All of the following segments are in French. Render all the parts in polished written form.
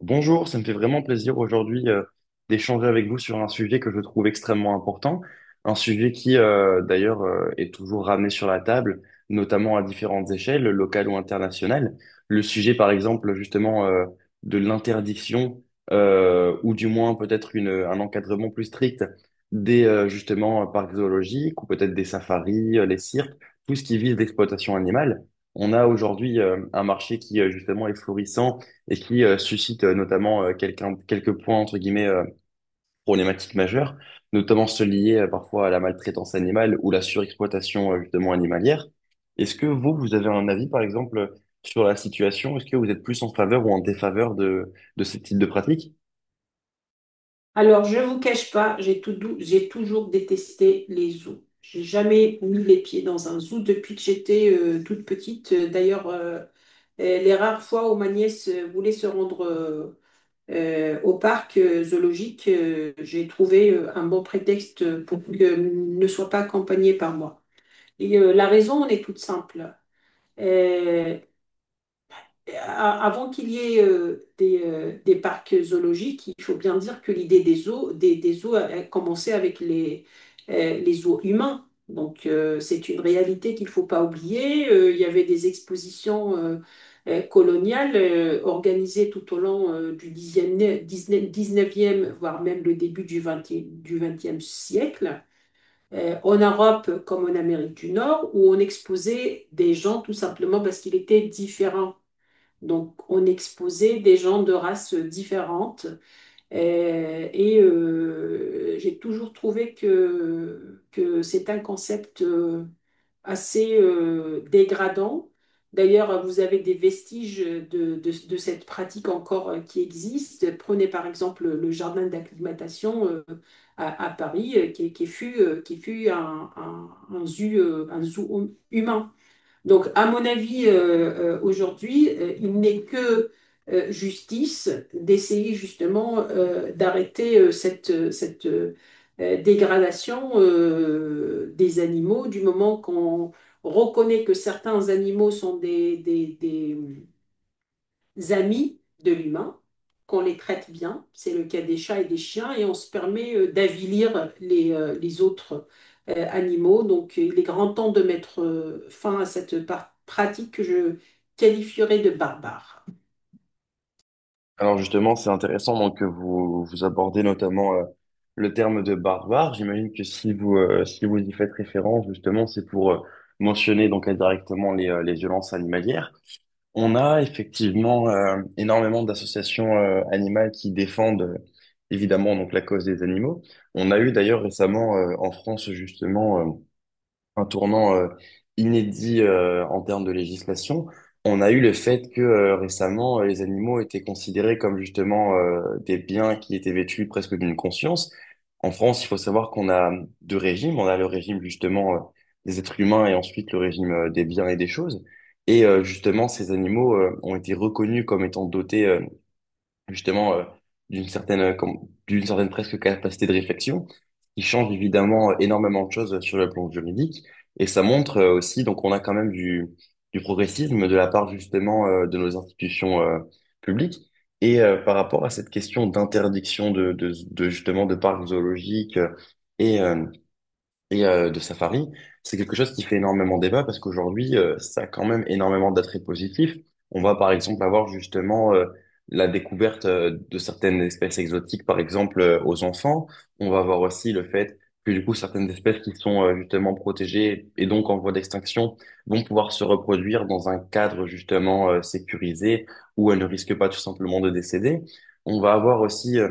Bonjour, ça me fait vraiment plaisir aujourd'hui d'échanger avec vous sur un sujet que je trouve extrêmement important, un sujet qui d'ailleurs est toujours ramené sur la table, notamment à différentes échelles, locales ou internationales. Le sujet par exemple justement de l'interdiction ou du moins peut-être un encadrement plus strict des justement parcs zoologiques ou peut-être des safaris, les cirques, tout ce qui vise l'exploitation animale. On a aujourd'hui un marché qui justement est florissant et qui suscite notamment quelques points, entre guillemets, problématiques majeures, notamment ceux liés parfois à la maltraitance animale ou la surexploitation justement animalière. Est-ce que vous, vous avez un avis, par exemple, sur la situation? Est-ce que vous êtes plus en faveur ou en défaveur de ce type de pratique? Alors, je ne vous cache pas, j'ai toujours détesté les zoos. J'ai jamais mis les pieds dans un zoo depuis que j'étais toute petite. D'ailleurs, les rares fois où ma nièce voulait se rendre au parc zoologique, j'ai trouvé un bon prétexte pour qu'elle ne soit pas accompagnée par moi. Et la raison, elle est toute simple. Euh, Avant qu'il y ait des parcs zoologiques, il faut bien dire que l'idée des zoos, des zoos a commencé avec les zoos humains. Donc c'est une réalité qu'il ne faut pas oublier. Il y avait des expositions coloniales organisées tout au long du dixième, dix 19e, 19 voire même le début du 20 siècle en Europe comme en Amérique du Nord, où on exposait des gens tout simplement parce qu'ils étaient différents. Donc, on exposait des gens de races différentes. Et j'ai toujours trouvé que c'est un concept assez dégradant. D'ailleurs, vous avez des vestiges de cette pratique encore qui existe. Prenez par exemple le jardin d'acclimatation à Paris, qui fut un zoo, un zoo humain. Donc, à mon avis, aujourd'hui, il n'est que justice d'essayer justement d'arrêter cette dégradation des animaux du moment qu'on reconnaît que certains animaux sont des amis de l'humain, qu'on les traite bien. C'est le cas des chats et des chiens et on se permet d'avilir les autres animaux. Donc il est grand temps de mettre fin à cette pratique que je qualifierais de barbare. Alors justement, c'est intéressant donc, que vous, vous abordez notamment le terme de barbare. J'imagine que si vous, si vous y faites référence, justement, c'est pour... mentionner donc indirectement les violences animalières. On a effectivement énormément d'associations animales qui défendent évidemment donc la cause des animaux. On a eu d'ailleurs récemment en France justement un tournant inédit en termes de législation. On a eu le fait que récemment, les animaux étaient considérés comme justement des biens qui étaient vêtus presque d'une conscience. En France, il faut savoir qu'on a deux régimes. On a le régime justement des êtres humains et ensuite le régime des biens et des choses. Et justement, ces animaux ont été reconnus comme étant dotés justement d'une certaine d'une certaine presque capacité de réflexion qui change évidemment énormément de choses sur le plan juridique et ça montre aussi donc on a quand même du progressisme de la part justement de nos institutions publiques et par rapport à cette question d'interdiction de justement de parcs zoologiques et euh, de Safari, c'est quelque chose qui fait énormément débat parce qu'aujourd'hui, ça a quand même énormément d'attraits positifs. On va par exemple avoir justement la découverte de certaines espèces exotiques, par exemple aux enfants. On va avoir aussi le fait que du coup, certaines espèces qui sont justement protégées et donc en voie d'extinction vont pouvoir se reproduire dans un cadre justement sécurisé où elles ne risquent pas tout simplement de décéder. On va avoir aussi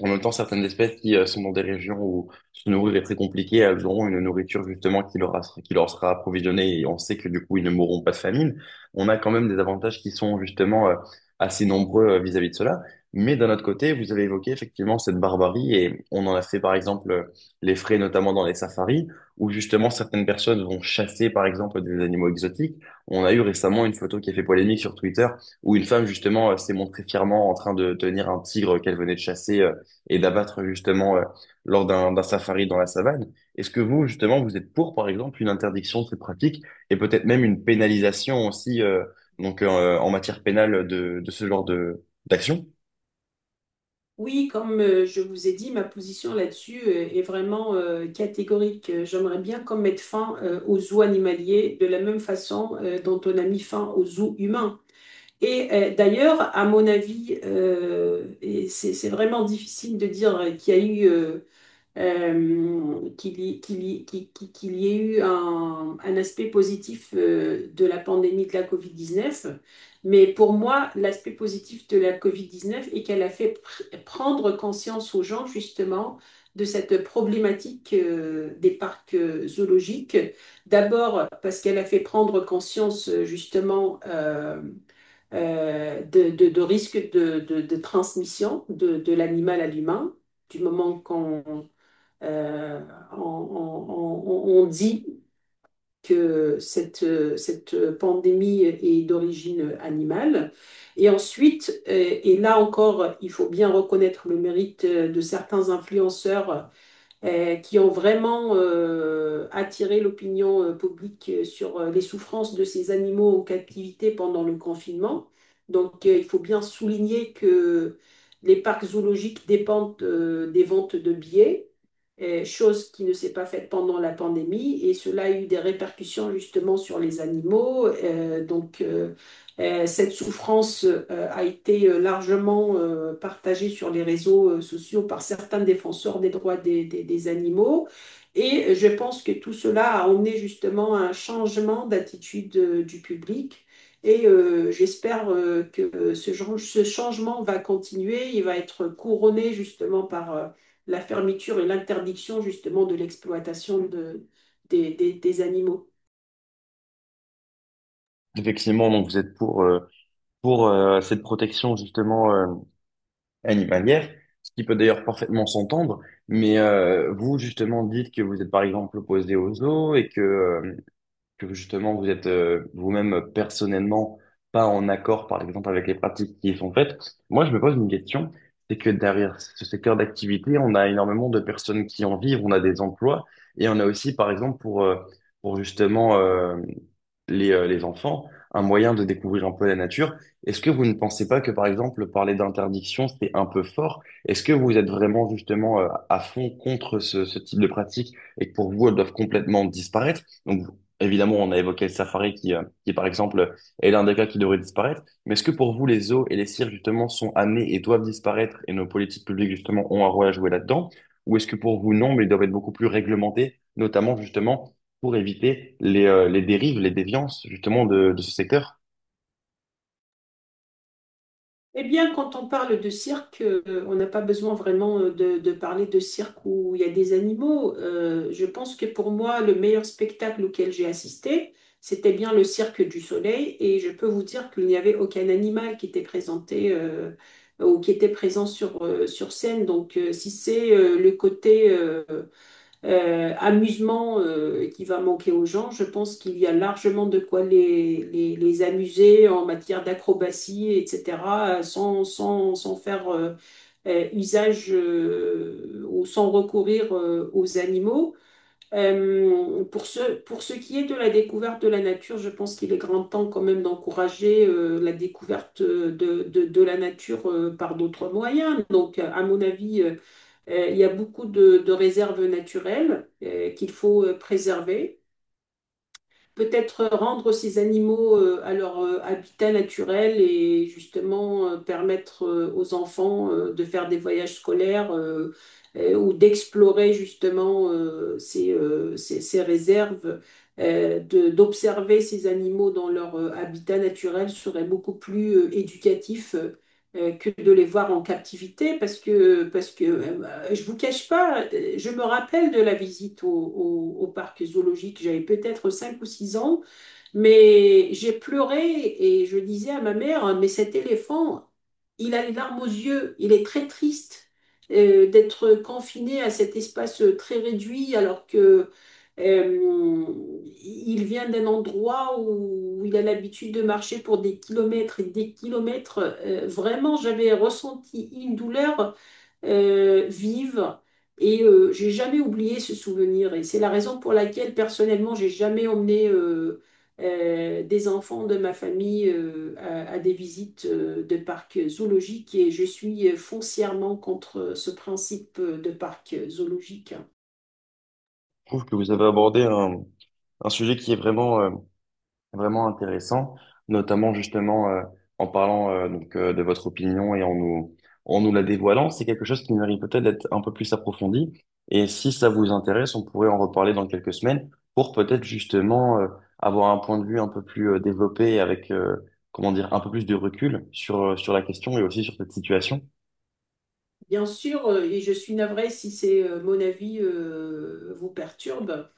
en même temps, certaines espèces qui sont dans des régions où se nourrir est très compliqué, elles auront une nourriture justement qui qui leur sera approvisionnée et on sait que du coup, ils ne mourront pas de famine. On a quand même des avantages qui sont justement assez nombreux vis-à-vis de cela. Mais d'un autre côté, vous avez évoqué effectivement cette barbarie et on en a fait par exemple les frais notamment dans les safaris où justement certaines personnes vont chasser par exemple des animaux exotiques. On a eu récemment une photo qui a fait polémique sur Twitter où une femme justement s'est montrée fièrement en train de tenir un tigre qu'elle venait de chasser et d'abattre justement lors d'un safari dans la savane. Est-ce que vous, justement, vous êtes pour, par exemple, une interdiction de ces pratiques et peut-être même une pénalisation aussi donc en matière pénale de ce genre de d'action? Oui, comme je vous ai dit, ma position là-dessus est vraiment catégorique. J'aimerais bien qu'on mette fin aux zoos animaliers de la même façon dont on a mis fin aux zoos humains. Et d'ailleurs, à mon avis, et c'est vraiment difficile de dire qu'il y a eu qu'il y ait eu un aspect positif de la pandémie de la COVID-19. Mais pour moi, l'aspect positif de la COVID-19 est qu'elle a fait prendre conscience aux gens justement de cette problématique des parcs zoologiques. D'abord parce qu'elle a fait prendre conscience de risques de transmission de l'animal à l'humain, du moment qu'on euh, dit que cette pandémie est d'origine animale. Et ensuite, et là encore, il faut bien reconnaître le mérite de certains influenceurs qui ont vraiment attiré l'opinion publique sur les souffrances de ces animaux en captivité pendant le confinement. Donc, il faut bien souligner que les parcs zoologiques dépendent des ventes de billets, chose qui ne s'est pas faite pendant la pandémie, et cela a eu des répercussions justement sur les animaux. Donc, cette souffrance a été largement partagée sur les réseaux sociaux par certains défenseurs des droits des animaux. Et je pense que tout cela a emmené justement à un changement d'attitude du public. Et j'espère que ce changement va continuer. Il va être couronné justement par, la fermeture et l'interdiction justement de l'exploitation des animaux. Effectivement, donc vous êtes pour cette protection justement animalière, ce qui peut d'ailleurs parfaitement s'entendre. Mais vous, justement, dites que vous êtes par exemple opposé aux zoos et que justement vous êtes vous-même personnellement pas en accord, par exemple, avec les pratiques qui y sont faites, moi je me pose une question, c'est que derrière ce secteur d'activité, on a énormément de personnes qui en vivent, on a des emplois, et on a aussi, par exemple, pour justement les enfants, un moyen de découvrir un peu la nature. Est-ce que vous ne pensez pas que, par exemple, parler d'interdiction, c'est un peu fort? Est-ce que vous êtes vraiment justement à fond contre ce type de pratique et que pour vous, elles doivent complètement disparaître? Donc, évidemment, on a évoqué le safari qui par exemple, est l'un des cas qui devrait disparaître. Mais est-ce que pour vous, les zoos et les cirques, justement, sont amenés et doivent disparaître et nos politiques publiques, justement, ont un rôle à jouer là-dedans? Ou est-ce que pour vous, non, mais ils doivent être beaucoup plus réglementés, notamment, justement, pour éviter les dérives, les déviances, justement, de ce secteur? Eh bien, quand on parle de cirque, on n'a pas besoin vraiment de parler de cirque où il y a des animaux. Je pense que pour moi, le meilleur spectacle auquel j'ai assisté, c'était bien le Cirque du Soleil et je peux vous dire qu'il n'y avait aucun animal qui était présenté ou qui était présent sur scène. Donc, si c'est le côté amusement qui va manquer aux gens. Je pense qu'il y a largement de quoi les amuser en matière d'acrobatie, etc., sans faire usage ou sans recourir aux animaux. Pour ce qui est de la découverte de la nature, je pense qu'il est grand temps quand même d'encourager la découverte de la nature par d'autres moyens. Donc, à mon avis, il y a beaucoup de réserves naturelles qu'il faut préserver. Peut-être rendre ces animaux à leur habitat naturel et justement permettre aux enfants de faire des voyages scolaires ou d'explorer justement ces réserves. D'observer ces animaux dans leur habitat naturel serait beaucoup plus éducatif que de les voir en captivité parce que je vous cache pas, je me rappelle de la visite au parc zoologique. J'avais peut-être 5 ou 6 ans, mais j'ai pleuré et je disais à ma mère, mais cet éléphant, il a les larmes aux yeux, il est très triste d'être confiné à cet espace très réduit alors que euh, il vient d'un endroit où il a l'habitude de marcher pour des kilomètres et des kilomètres. Vraiment, j'avais ressenti une douleur vive. Et j'ai jamais oublié ce souvenir. Et c'est la raison pour laquelle, personnellement, j'ai jamais emmené des enfants de ma famille à des visites de parcs zoologiques. Et je suis foncièrement contre ce principe de parc zoologique. Je trouve que vous avez abordé un sujet qui est vraiment intéressant, notamment justement en parlant donc de votre opinion et en nous la dévoilant, c'est quelque chose qui mérite peut-être d'être un peu plus approfondi. Et si ça vous intéresse, on pourrait en reparler dans quelques semaines pour peut-être justement avoir un point de vue un peu plus développé avec comment dire un peu plus de recul sur sur la question et aussi sur cette situation. Bien sûr, et je suis navrée si c'est mon avis vous perturbe.